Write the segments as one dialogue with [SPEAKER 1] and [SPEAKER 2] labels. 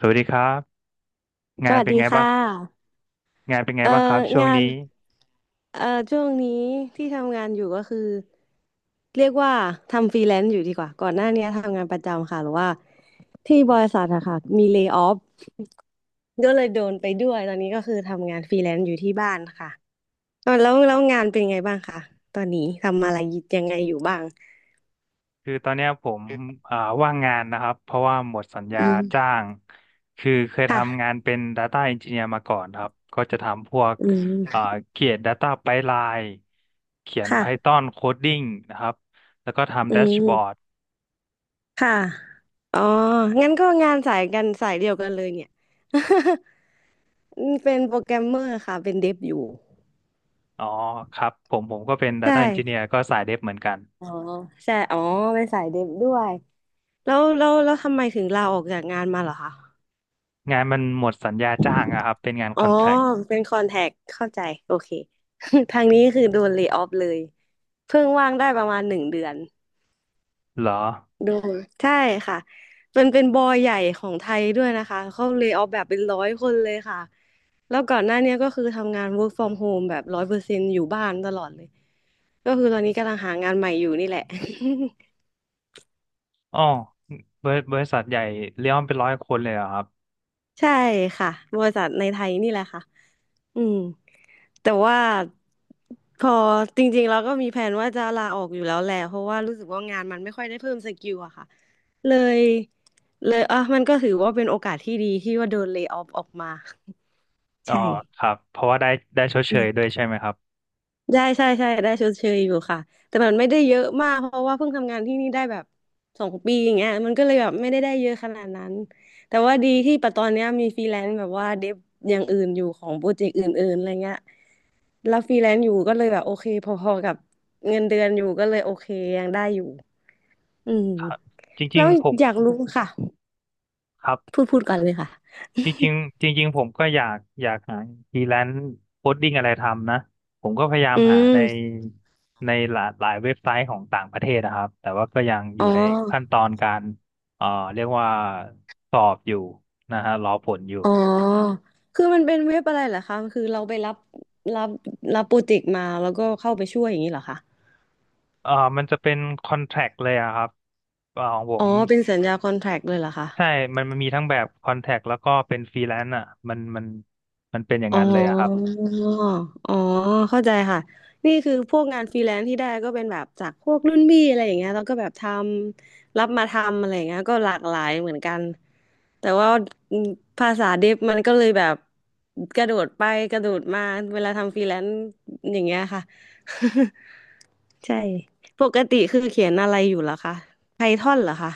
[SPEAKER 1] สวัสดีครับ
[SPEAKER 2] ส
[SPEAKER 1] งาน
[SPEAKER 2] วัส
[SPEAKER 1] เป็น
[SPEAKER 2] ดี
[SPEAKER 1] ไง
[SPEAKER 2] ค่
[SPEAKER 1] บ้าง
[SPEAKER 2] ะ
[SPEAKER 1] งานเป็นไง
[SPEAKER 2] เอ่อ
[SPEAKER 1] บ้างครับช่วง
[SPEAKER 2] งาน
[SPEAKER 1] นี้
[SPEAKER 2] เอ่อช่วงนี้ที่ทำงานอยู่ก็คือเรียกว่าทำฟรีแลนซ์อยู่ดีกว่าก่อนหน้านี้ทำงานประจำค่ะหรือว่าที่บริษัทอะค่ะมีเล y off ก็เลยโดนไปด้วยตอนนี้ก็คือทำงานฟรีแลนซ์อยู่ที่บ้านค่ะแล้วงานเป็นไงบ้างคะตอนนี้ทำอะไรยังไงอยู่บ้าง
[SPEAKER 1] คือตอนเนี้ยผมอ่าว่างงานนะครับเพราะว่าหมดสัญญา
[SPEAKER 2] อืม
[SPEAKER 1] จ้างคือเคยทำงาน
[SPEAKER 2] ค่ะ
[SPEAKER 1] เป็น Data Engineer มาก่อนครับก็จะทำพวก
[SPEAKER 2] อื
[SPEAKER 1] อ่า
[SPEAKER 2] ม
[SPEAKER 1] เขียน Data Pipeline เขียน
[SPEAKER 2] ค่ะ
[SPEAKER 1] Python Coding นะครับแล้วก็ทำ
[SPEAKER 2] อื
[SPEAKER 1] แดชบอร์ด
[SPEAKER 2] มค่ะอ๋องั้นก็งานสายสายเดียวกันเลยเนี่ย อืมเป็นโปรแกรมเมอร์ค่ะเป็นเดฟอยู่
[SPEAKER 1] อ๋อครับผมก็เป็น
[SPEAKER 2] ใช่
[SPEAKER 1] Data Engineer ก็สายเดฟเหมือนกัน
[SPEAKER 2] อ๋อใช่อ๋อเป็นสายเดฟด้วยแล้วทำไมถึงลาออกจากงานมาเหรอคะ
[SPEAKER 1] งานมันหมดสัญญาจ้างอะครับเป็นงาน
[SPEAKER 2] อ๋
[SPEAKER 1] ค
[SPEAKER 2] อ
[SPEAKER 1] อนแทรค
[SPEAKER 2] เป็นคอนแทคเข้าใจโอเค ทางนี้คือโดนเล y off เลยเพิ่งว่างได้ประมาณหนึ่งเดือน
[SPEAKER 1] เหรอ
[SPEAKER 2] โดูใช่ค่ะเป็นบอยใหญ่ของไทยด้วยนะคะเขาเล y off แบบเป็นร้อยคนเลยค่ะ แล้วก่อนหน้าเนี้ยก็คือทำงาน work from home แบบร้อยเปอร์เซ็นต์อยู่บ้านตลอดเลย ก็คือตอนนี้กำลังหางานใหม่อยู่นี่แหละ
[SPEAKER 1] อ๋อบริษัทใหญ่เลี้ยงเป็นร้อยคนเลยเหรอครับ
[SPEAKER 2] ใช่ค่ะบริษัทในไทยนี่แหละค่ะอืมแต่ว่า พอจริงๆเราก็มีแผนว่าจะลาออกอยู่แล้วแหละ เพราะว่ารู้สึกว่างานมันไม่ค่อยได้เพิ่มสกิลอะค่ะ เลยเลยอ่ะมันก็ถือว่าเป็นโอกาสที่ดีที่ว่าโดนเลย์ออฟออกมา
[SPEAKER 1] อ๋อ
[SPEAKER 2] ใช่
[SPEAKER 1] ครับเพราะว่าได้ชดเชยด้วยใช่ไหมครับ
[SPEAKER 2] ได้ใช่ได้ชดเชยอยู่ค่ะแต่มันไม่ได้เยอะมากเพราะว่าเพิ่งทำงานที่นี่ได้แบบสองปีอย่างเงี้ยมันก็เลยแบบไม่ได้เยอะขนาดนั้นแต่ว่าดีที่ปัจจุบันเนี้ยมีฟรีแลนซ์แบบว่าเดฟอย่างอื่นอยู่ของโปรเจกต์อื่นๆอะไรเงี้ยแล้วฟรีแลนซ์อยู่ก็เลยแบบโอเคพอๆกับเงินเดือนอยู่ก็เลยโอเคยังได้อยู่อืม
[SPEAKER 1] ครับจริ
[SPEAKER 2] แล้
[SPEAKER 1] ง
[SPEAKER 2] ว
[SPEAKER 1] ๆผม
[SPEAKER 2] อยากรู้ค่ะ
[SPEAKER 1] ครับ
[SPEAKER 2] พูดก่อนเลยค่ะ
[SPEAKER 1] จริงๆจริงๆผมก็อยากหาฟรีแลนซ์โคดดิ้งอะไรทำนะผมก็พยายา ม
[SPEAKER 2] อื
[SPEAKER 1] หา
[SPEAKER 2] ม
[SPEAKER 1] ในในหลายเว็บไซต์ของต่างประเทศนะครับแต่ว่าก็ยังอ
[SPEAKER 2] อ๋อ
[SPEAKER 1] ยู่ในขั้นตอนการเอ่อเรียกว่าสอบอยู่นะฮะรอผลอยู่
[SPEAKER 2] อ๋อคือมันเป็นเว็บอะไรเหรอคะคือเราไปรับรับรับโปรเจกต์มาแล้วก็เข้าไปช่วยอย่างนี้เหรอคะ
[SPEAKER 1] เอ่อมันจะเป็นคอนแท c t เลยอะครับของผม
[SPEAKER 2] อ๋อเป็นสัญญาคอนแทรคเลยเหรอคะ
[SPEAKER 1] ใช่มันมีทั้งแบบคอนแท c t แล้วก็เป็นฟรีแลนซ์อ่ะมันมันเป็นอย่าง
[SPEAKER 2] อ๋
[SPEAKER 1] นั้
[SPEAKER 2] อ
[SPEAKER 1] นเลยอะครับ
[SPEAKER 2] อ๋อเข้าใจค่ะ นี่คือพวกงานฟรีแลนซ์ที่ได้ก็เป็นแบบจากพวกรุ่นพี่อะไรอย่างเงี้ยแล้วก็แบบทำรับมาทำอะไรอย่างเงี้ยก็หลากหลายเหมือนกัน แต่ว่าอืมภาษาเดฟมันก็เลยแบบกระโดดไปกระโดดมา เวลาทำฟรีแลนซ์อย่างเงี้ยค่ะ ใช่ ปกติคือเขียนอะไรอยู่เหรอคะไพทอนเหรอคะ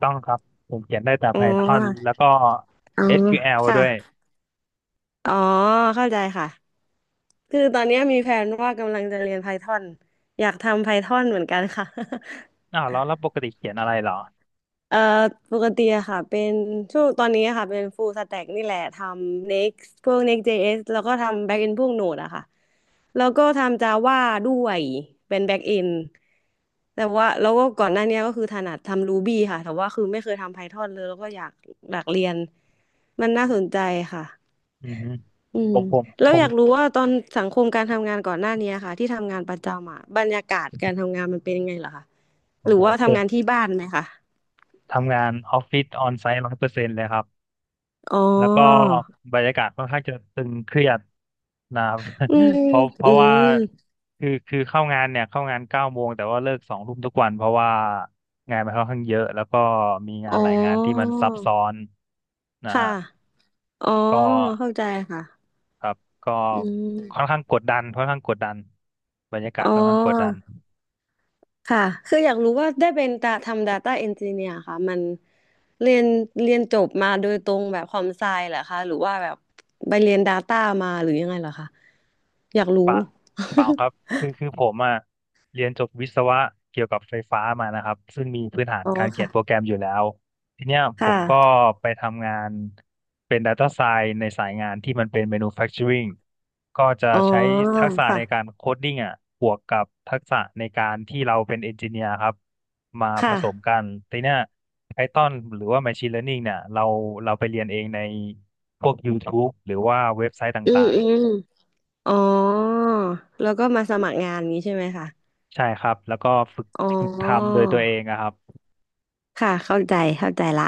[SPEAKER 1] ต้องครับผมเขียนได้แต่
[SPEAKER 2] อ๋อ
[SPEAKER 1] Python แล้วก็
[SPEAKER 2] อ๋อ
[SPEAKER 1] SQL ด้
[SPEAKER 2] ค่ะ
[SPEAKER 1] วย
[SPEAKER 2] อ๋อเข้าใจค่ะ คือตอนเนี้ยมีแผนว่ากำลังจะเรียนไพทอนอยากทำไพทอนเหมือนกันค่ะ
[SPEAKER 1] อ้าวแล้วแล้วปกติเขียนอะไรเหรอ
[SPEAKER 2] เอ่อปกติอะค่ะเป็นช่วงตอนนี้อะค่ะเป็น full stack นี่แหละทำ Next พวก Next.js แล้วก็ทำ backend พวก Node อะค่ะ แล้วก็ทำ Java ด้วยเป็นแบ็กเอนแต่ว่าแล้วก็ก่อนหน้าเนี้ยก็คือถนัดทำ Ruby ค่ะแต่ว่าคือไม่เคยทำ Python เลยแล้วก็อยากเรียนมันน่าสนใจค่ะ
[SPEAKER 1] อือฮึ
[SPEAKER 2] อื
[SPEAKER 1] ผ
[SPEAKER 2] ม
[SPEAKER 1] มผม
[SPEAKER 2] แล้
[SPEAKER 1] ผ
[SPEAKER 2] วอ
[SPEAKER 1] ม
[SPEAKER 2] ยากรู้ว่าตอนสังคมการทำงานก่อนหน้าเนี้ยค่ะที่ทำงานประจำอ่ะบรรยากาศการทำงานมันเป็นยังไงเหรอคะห
[SPEAKER 1] โอ้
[SPEAKER 2] รือ
[SPEAKER 1] โห
[SPEAKER 2] ว่า
[SPEAKER 1] เจ
[SPEAKER 2] ทำ
[SPEAKER 1] อ
[SPEAKER 2] งานที่บ้านไหมคะ
[SPEAKER 1] ทำงานออฟฟิศออนไซต์ร้อยเปอร์เซ็นต์เลยครับ
[SPEAKER 2] อ๋อ
[SPEAKER 1] แล้วก็บรรยากาศค่อนข้างจะตึงเครียดนะครับ
[SPEAKER 2] อืม
[SPEAKER 1] เพราะเพ
[SPEAKER 2] อื
[SPEAKER 1] ราะว่า
[SPEAKER 2] ม
[SPEAKER 1] คือเข้างานเนี่ยเข้างานเก้าโมงแต่ว่าเลิกสองทุ่มทุกวันเพราะว่างานมันค่อนข้างเยอะแล้วก็มีงาน
[SPEAKER 2] อ๋
[SPEAKER 1] หลายงานที่มัน
[SPEAKER 2] อ
[SPEAKER 1] ซับซ้อนนะ
[SPEAKER 2] ค่ะ
[SPEAKER 1] ฮะ
[SPEAKER 2] อ๋อ
[SPEAKER 1] ก็
[SPEAKER 2] เข้าใจค่ะ
[SPEAKER 1] ครับก็
[SPEAKER 2] อื
[SPEAKER 1] ค่อน
[SPEAKER 2] ม
[SPEAKER 1] ข้างกดดันค่อนข้างกดดัน บรรยากาศ
[SPEAKER 2] อ๋อ
[SPEAKER 1] ค่อนข้างกดดัน
[SPEAKER 2] ค่ะ คืออยากรู้ว่าได้เป็นตาทำ Data Engineer ค่ะมันเรียนเรียนจบมาโดยตรงแบบคอมไซเหรอคะหรือว่าแบบไปเรียน Data มาหรือยังไงเหรอคะอยากรู้
[SPEAKER 1] ปะเปล่าครับ คือผมอ่ะเรียนจบวิศวะเกี่ยวกับไฟฟ้ามานะครับ ซึ่งมีพื้นฐา น
[SPEAKER 2] อ๋อ
[SPEAKER 1] การเขีย
[SPEAKER 2] ค่ะ
[SPEAKER 1] นโปรแกรมอยู่แล้ว ทีเนี้ยผ
[SPEAKER 2] ค่ะ
[SPEAKER 1] มก็ไปทำงานเป็น Data Science ในสายงานที่มันเป็น Manufacturing ก็จะ
[SPEAKER 2] อ๋อ
[SPEAKER 1] ใช้ทักษะในกา
[SPEAKER 2] ค่ะ
[SPEAKER 1] รโคดดิ้งอ่ะบวกกับทักษะในการที่เราเป็นเอนจิเนียร์ครับ มาผ
[SPEAKER 2] ค่ะ
[SPEAKER 1] สมกันทีเนี้ย Python หรือว่า Machine Learning เนี่ยเราไปเรียนเองในพวก YouTube หรือว่าเว็บไซต์
[SPEAKER 2] อืม
[SPEAKER 1] ต่าง
[SPEAKER 2] อืมอ๋อแล้วก็มาสมัครงานนี้ใช่ไหมคะ
[SPEAKER 1] ใช่ครับแล้วก็ฝึก
[SPEAKER 2] อ๋อ
[SPEAKER 1] ฝึกทำโดยตัวเองอะครับ
[SPEAKER 2] ค่ะเข้าใจละ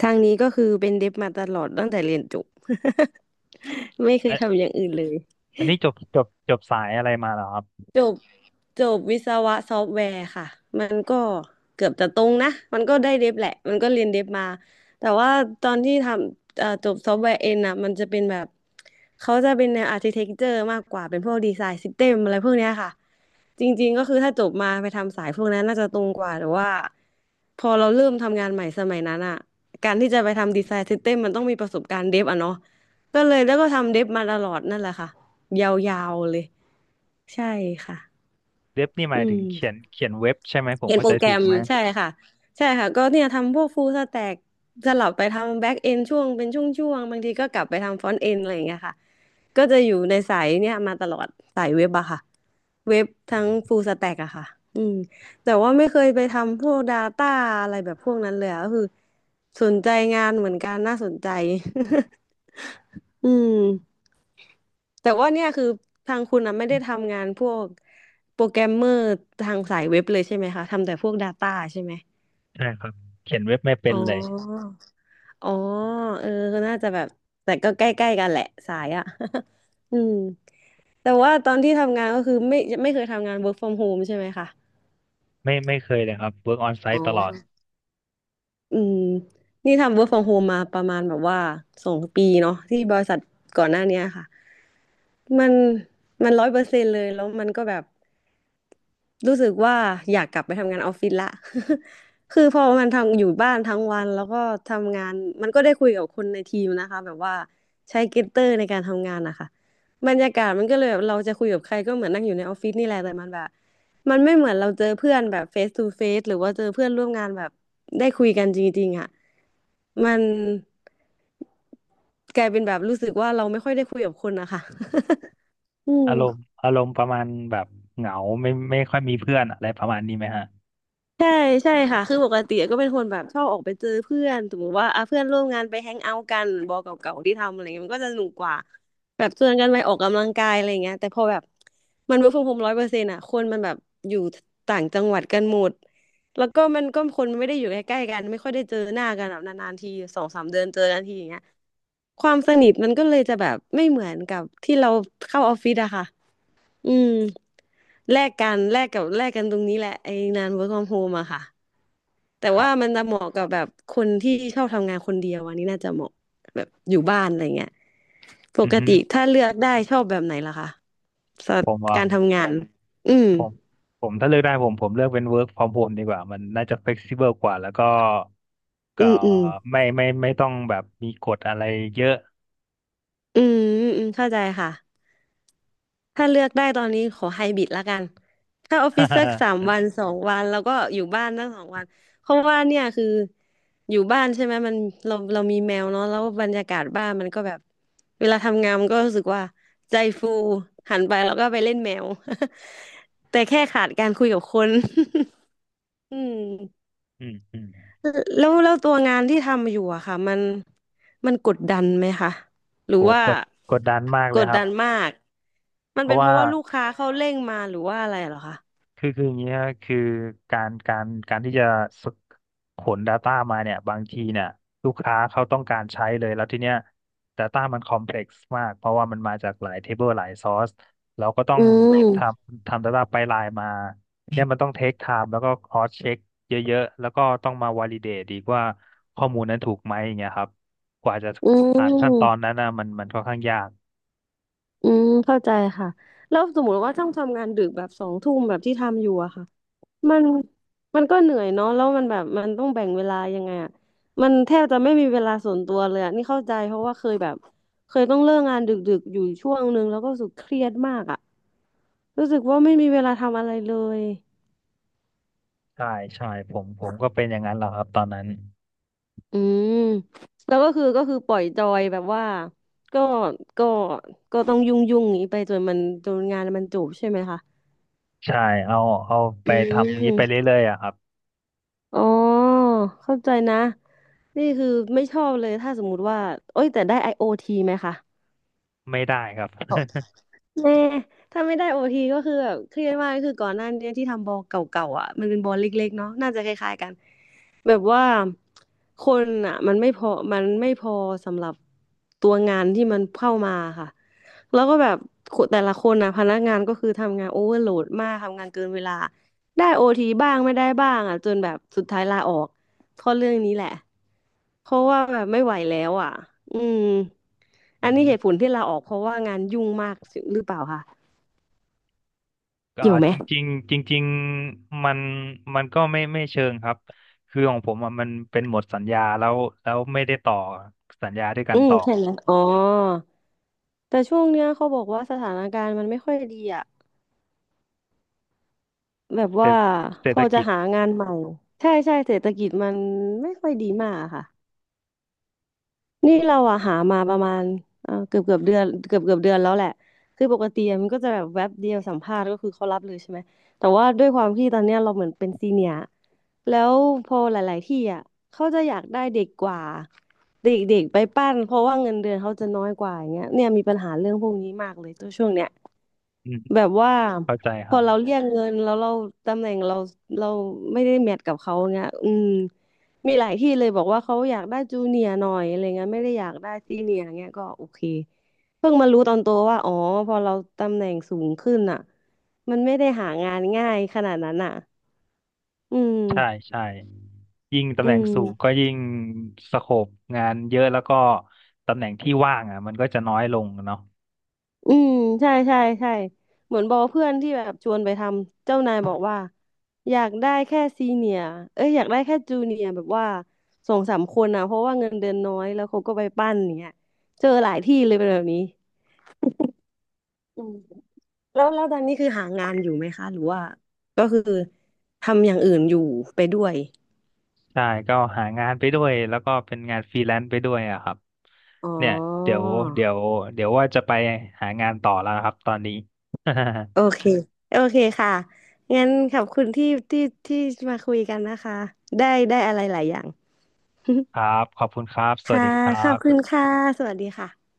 [SPEAKER 2] ทางนี้ก็คือเป็นเดฟมาตลอดตั้งแต่เรียนจบ ไม่เค
[SPEAKER 1] อั
[SPEAKER 2] ย
[SPEAKER 1] น
[SPEAKER 2] ทำอย่างอื่นเลย
[SPEAKER 1] อันนี้จบสายอะไรมาเหรอครับ
[SPEAKER 2] จบจบวิศวะซอฟต์แวร์ค่ะมันก็เกือบจะตรงนะมันก็ได้เดฟแหละมันก็เรียนเดฟมาแต่ว่าตอนที่ทำจบซอฟต์แวร์เอ็นอ่ะมันจะเป็นแบบเขาจะเป็นแนวอาร์ติเทคเจอร์มากกว่าเป็นพวกดีไซน์ซิสเต็มอะไรพวกเนี้ยค่ะจริงๆก็คือถ้าจบมาไปทำสายพวกนั้นน่าจะตรงกว่าแต่ว่าพอเราเริ่มทำงานใหม่สมัยนั้นอ่ะการที่จะไปทำดีไซน์ซิสเต็มมันต้องมีประสบการณ์เดฟอ่ะเนาะก็เลยแล้วก็ทำเดฟมาตลอดนั่นแหละค่ะยาวๆเลยใช่ค่ะ
[SPEAKER 1] เว็บนี่หมาย
[SPEAKER 2] อื
[SPEAKER 1] ถึง
[SPEAKER 2] ม
[SPEAKER 1] เขียนเว็บใช่ไหมผม
[SPEAKER 2] เขียน
[SPEAKER 1] เข้า
[SPEAKER 2] โปร
[SPEAKER 1] ใจ
[SPEAKER 2] แกร
[SPEAKER 1] ถูก
[SPEAKER 2] ม
[SPEAKER 1] ไหม
[SPEAKER 2] ใช่ค่ะใช่ค่ะก็เนี่ยทำพวกฟูลสแต็กสลับไปทำแบ็กเอนช่วงเป็นช่วงๆบางทีก็กลับไปทำฟรอนต์เอนอะไรอย่างเงี้ยค่ะก็จะอยู่ในสายเนี่ยมาตลอดสายเว็บอะค่ะเว็บทั้งฟูลสแต็กอะค่ะอืมแต่ว่าไม่เคยไปทำพวก Data อะไรแบบพวกนั้นเลยอะก็คือสนใจงานเหมือนกันน่าสนใจ อืม แต่ว่าเนี่ยคือทางคุณนะไม่ได้ทำงานพวกโปรแกรมเมอร์ทางสายเว็บเลยใช่ไหมคะทำแต่พวก Data ใช่ไหม
[SPEAKER 1] ใช่ครับเขียนเว็บไม่เป็
[SPEAKER 2] อ๋
[SPEAKER 1] นเลย
[SPEAKER 2] อ อ๋อเออก็น่าจะแบบแต่ก็ใกล้ๆกันแหละสายอ่ะ อืมแต่ว่าตอนที่ทำงานก็คือไม่เคยทำงาน work from home ใช่ไหมคะ
[SPEAKER 1] ไม่เคยเลยครับ work on
[SPEAKER 2] อ๋อ
[SPEAKER 1] site ตลอด
[SPEAKER 2] อืมนี่ทำ work from home มาประมาณแบบว่าสองปีเนาะที่บริษัทก่อนหน้าเนี้ยค่ะ มันมัน100%เลยแล้วมันก็แบบรู้สึกว่าอยากกลับไปทำงานออฟฟิศละ คือพอมันทำอยู่บ้านทั้งวันแล้วก็ทำงานมันก็ได้คุยกับคนในทีมนะคะแบบว่าใช้เกตเตอร์ในการทำงานนะคะบรรยากาศมันก็เลยแบบเราจะคุยกับใครก็เหมือนนั่งอยู่ในออฟฟิศนี่แหละแต่มันแบบมันไม่เหมือนเราเจอเพื่อนแบบเฟสทูเฟสหรือว่าเจอเพื่อนร่วมงานแบบได้คุยกันจริงๆอ่ะมันกลายเป็นแบบรู้สึกว่าเราไม่ค่อยได้คุยกับคนนะคะ อืม
[SPEAKER 1] อารมณ์ประมาณแบบเหงาไม่ค่อยมีเพื่อนอะไรประมาณนี้ไหมฮะ
[SPEAKER 2] ใช่ใช่ค่ะคือปกติก็เป็นคนแบบชอบออกไปเจอเพื่อนสมมติว่าอ่ะเพื่อนร่วมงานไปแฮงเอาท์กันบอเก่าๆที่ทำอะไรเงี้ยมันก็จะสนุกกว่าแบบชวนกันไปออกกำลังกายอะไรเงี้ยแต่พอแบบมันเวิร์กฟรอมโฮมร้อยเปอร์เซ็นต์อ่ะคนมันแบบอยู่ต่างจังหวัดกันหมดแล้วก็มันก็คนไม่ได้อยู่ใกล้ๆกันไม่ค่อยได้เจอหน้ากันแบบนานๆทีสองสามเดือนเจอกันทีอย่างเงี้ยความสนิทมันก็เลยจะแบบไม่เหมือนกับที่เราเข้าออฟฟิศอะค่ะอืม แลกกันตรงนี้แหละไอ้งาน work from home อะค่ะแต่
[SPEAKER 1] ครั
[SPEAKER 2] ว่ามั
[SPEAKER 1] บ
[SPEAKER 2] นจะเหมาะกับแบบคนที่ชอบทำงานคนเดียวอันนี้น่าจะเหมาะแบบอยู่บ้านอะไรเงี้ยป
[SPEAKER 1] อือ
[SPEAKER 2] ก
[SPEAKER 1] ฮึ
[SPEAKER 2] ติถ้าเลือกได้ชอบแบบไหนล่ะคะสำหรั
[SPEAKER 1] ผ
[SPEAKER 2] บ
[SPEAKER 1] มว่า
[SPEAKER 2] การทำงานอืม
[SPEAKER 1] ผมผมถ้าเลือกได้ผมเลือกเป็น work from home ดีกว่ามันน่าจะ flexible กว่าแล้วก็
[SPEAKER 2] อื
[SPEAKER 1] ก็
[SPEAKER 2] มอืม
[SPEAKER 1] ไม่ต้องแบบมีกฎอะไรเยอะ
[SPEAKER 2] อืมอืมเข้าใจค่ะ ถ้าเลือกได้ตอนนี้ขอไฮบริดละกัน ถ้าออฟฟิศสักสาม วันสองวันแล้วก็อยู่บ้านตั้งสองวัน เพราะว่าเนี่ยคืออยู่บ้านใช่ไหมมันเรามีแมวเนาะแล้วบรรยากาศบ้านมันก็แบบเวลาทำงานมันก็รู้สึกว่าใจฟูหันไปแล้วก็ไปเล่นแมว แต่แค่ขาดการคุยกับคน อืม
[SPEAKER 1] อืม
[SPEAKER 2] แล้วแล้วตัวงานที่ทำอยู่อะค่ะมันกดดันไหมคะหรื
[SPEAKER 1] โห
[SPEAKER 2] อว่า
[SPEAKER 1] กดดันมากเล
[SPEAKER 2] ก
[SPEAKER 1] ย
[SPEAKER 2] ด
[SPEAKER 1] ครับ
[SPEAKER 2] ดันมากมัน
[SPEAKER 1] เพ
[SPEAKER 2] เป็
[SPEAKER 1] ราะ
[SPEAKER 2] นเพ
[SPEAKER 1] ว่า
[SPEAKER 2] ราะว่าลูกค้าเขาเร่งมาหรือว่าอะไรเหรอคะ
[SPEAKER 1] คืออย่างเงี้ยคือการที่จะสกขน Data มาเนี่ยบางทีเนี่ยลูกค้าเขาต้องการใช้เลยแล้วทีเนี้ย Data มันคอมเพล็กซ์มากเพราะว่ามันมาจากหลายเทเบิลหลายซอสเราก็ต้อง
[SPEAKER 2] อื
[SPEAKER 1] ท
[SPEAKER 2] ม
[SPEAKER 1] ทำ Data ไปไลน์มาเนี่ยมันต้องเทคไทม์แล้วก็คอสเช็คเยอะๆแล้วก็ต้องมาวอลิเดตอีกว่าข้อมูลนั้นถูกไหมอย่างเงี้ยครับกว่าจะ
[SPEAKER 2] อื
[SPEAKER 1] ผ่านขั้นตอน
[SPEAKER 2] ม
[SPEAKER 1] นั้นนะมันค่อนข้างยาก
[SPEAKER 2] อืมเข้าใจค่ะแล้วสมมติว่าต้องทำงานดึกแบบสองทุ่มแบบที่ทำอยู่อะค่ะ มันมันก็เหนื่อยเนาะแล้วมันแบบมันต้องแบ่งเวลายังไงอ่ะมันแทบจะไม่มีเวลาส่วนตัวเลยอ่ะนี่เข้าใจเพราะว่าเคยแบบเคยต้องเลิกงานดึกๆอยู่ช่วงนึงแล้วก็รู้สึกเครียดมากอ่ะรู้สึกว่าไม่มีเวลาทำอะไรเลย
[SPEAKER 1] ใช่ใช่ผมก็เป็นอย่างนั้นแหละครับตอนนั้น
[SPEAKER 2] อืมแล้วก็คือปล่อยจอยแบบว่าก็ก็ก็ต้องยุ่งนี้ไปจนมันจนงานมันจบใช่ไหมคะ
[SPEAKER 1] ใช่เอาเอาไป
[SPEAKER 2] อื
[SPEAKER 1] ทำอย่างนี้ไป
[SPEAKER 2] ม
[SPEAKER 1] เรื่อยๆอะครับ
[SPEAKER 2] อ๋อเข้าใจนะนี่คือไม่ชอบเลยถ้าสมมุติว่าโอ้ยแต่ได้ IoT ไหมคะ
[SPEAKER 1] ไม่ได้ครับ
[SPEAKER 2] แน่ถ้าไม่ได้ OT ก็คือแบบเครียดมากคือก่อนหน้านี้ที่ทำบอลเก่าๆอ่ะมันเป็นบอลเล็กๆเนาะน่าจะคล้ายๆกัน แบบว่าคนอ่ะมันไม่พอสำหรับตัวงานที่มันเข้ามาค่ะแล้วก็แบบแต่ละคนนะพนักงานก็คือทำงานโอเวอร์โหลดมากทำงานเกินเวลาได้โอทีบ้างไม่ได้บ้างอ่ะจนแบบสุดท้ายลาออกเพราะเรื่องนี้แหละเพราะว่าแบบไม่ไหวแล้วอ่ะอืม
[SPEAKER 1] อื
[SPEAKER 2] อัน
[SPEAKER 1] อ
[SPEAKER 2] นี้
[SPEAKER 1] ฮึ
[SPEAKER 2] เหตุผลที่ลาออกเพราะว่างานยุ่งมากหรือเปล่าคะ
[SPEAKER 1] ก็
[SPEAKER 2] เกี่ยวไหม
[SPEAKER 1] จริงๆจริงๆมันมันก็ไม่เชิงครับคือของผมอะมันเป็นหมดสัญญาแล้วแล้วไม่ได้ต่อสัญญาด้วยกั
[SPEAKER 2] อื
[SPEAKER 1] น
[SPEAKER 2] ม
[SPEAKER 1] ต่อ
[SPEAKER 2] ใช่ไหมอ๋อแต่ช่วงเนี้ยเขาบอกว่าสถานการณ์มันไม่ค่อยดีอ่ะ แบบ
[SPEAKER 1] เศร
[SPEAKER 2] ว่า
[SPEAKER 1] ษเศร
[SPEAKER 2] พ
[SPEAKER 1] ษฐ
[SPEAKER 2] อจะ
[SPEAKER 1] กิจ
[SPEAKER 2] หางานใหม่ใช่ใช่เศรษฐกิจมันไม่ค่อยดีมากอะค่ะนี่เราอะหามาประมาณเออเกือบเดือนเกือบเดือนแล้วแหละคือปกติอะมันก็จะแบบแวบเดียวสัมภาษณ์ก็คือเขารับเลยใช่ไหมแต่ว่าด้วยความที่ตอนเนี้ยเราเหมือนเป็นซีเนียร์แล้วพอหลายๆที่อะเขาจะอยากได้เด็กกว่าเด็กๆ ไปปั้นเพราะว่าเงินเดือนเขาจะน้อยกว่าอย่างเงี้ยเนี่ยมีปัญหาเรื่องพวกนี้มากเลยตัวช่วงเนี้ย
[SPEAKER 1] อืม
[SPEAKER 2] แบบว่า
[SPEAKER 1] เข้าใจ
[SPEAKER 2] พ
[SPEAKER 1] ค
[SPEAKER 2] อ
[SPEAKER 1] รับ
[SPEAKER 2] เราเรียกเงินแล้วเราตำแหน่งเราไม่ได้แมทกับเขาเงี้ยอืมมีหลายที่เลยบอกว่าเขาอยากได้จูเนียร์หน่อยอะไรเงี้ยไม่ได้อยากได้ซีเนียร์เงี้ยก็โอเคเพิ่งมารู้ตอนโตว่าอ๋อพอเราตำแหน่งสูงขึ้นอ่ะมันไม่ได้หางานง่ายขนาดนั้นอ่ะอืม
[SPEAKER 1] ใช่ใช่ยิ่งตำ
[SPEAKER 2] อื
[SPEAKER 1] แหน่ง
[SPEAKER 2] ม
[SPEAKER 1] สูงก็ยิ่งสโคปงานเยอะแล้วก็ตำแหน่งที่ว่างอ่ะมันก็จะน้อยลงเนาะ
[SPEAKER 2] อืมใช่ใช่ใช่เหมือนบอกเพื่อนที่แบบชวนไปทำเจ้านายบอกว่าอยากได้แค่ซีเนียเอ้ยอยากได้แค่จูเนียแบบว่าสองสามคนนะเพราะว่าเงินเดือนน้อยแล้วเขาก็ไปปั้นอย่างเงี้ยเจอหลายที่เลยเป็นแบบนี้อืมแล้วแล้วตอนนี้คือหางานอยู่ไหมคะหรือว่าก็คือทำอย่างอื่นอยู่ไปด้วย
[SPEAKER 1] ใช่ก็หางานไปด้วยแล้วก็เป็นงานฟรีแลนซ์ไปด้วยอะครับ
[SPEAKER 2] อ๋อ
[SPEAKER 1] เนี่ยเดี๋ยวเดี๋ยวเดี๋ยวว่าจะไปหางานต่อแล้วนะครับตอนนี้
[SPEAKER 2] โอเค โอเคค่ะงั้นขอบคุณที่ที่มาคุยกันนะคะได้ได้อะไรหลายอย่าง
[SPEAKER 1] ครับขอบคุณครับสวัส
[SPEAKER 2] ค่ะ
[SPEAKER 1] ดีครั
[SPEAKER 2] ขอบคุณ
[SPEAKER 1] บ
[SPEAKER 2] ค่ะ สวัสดีค่ะ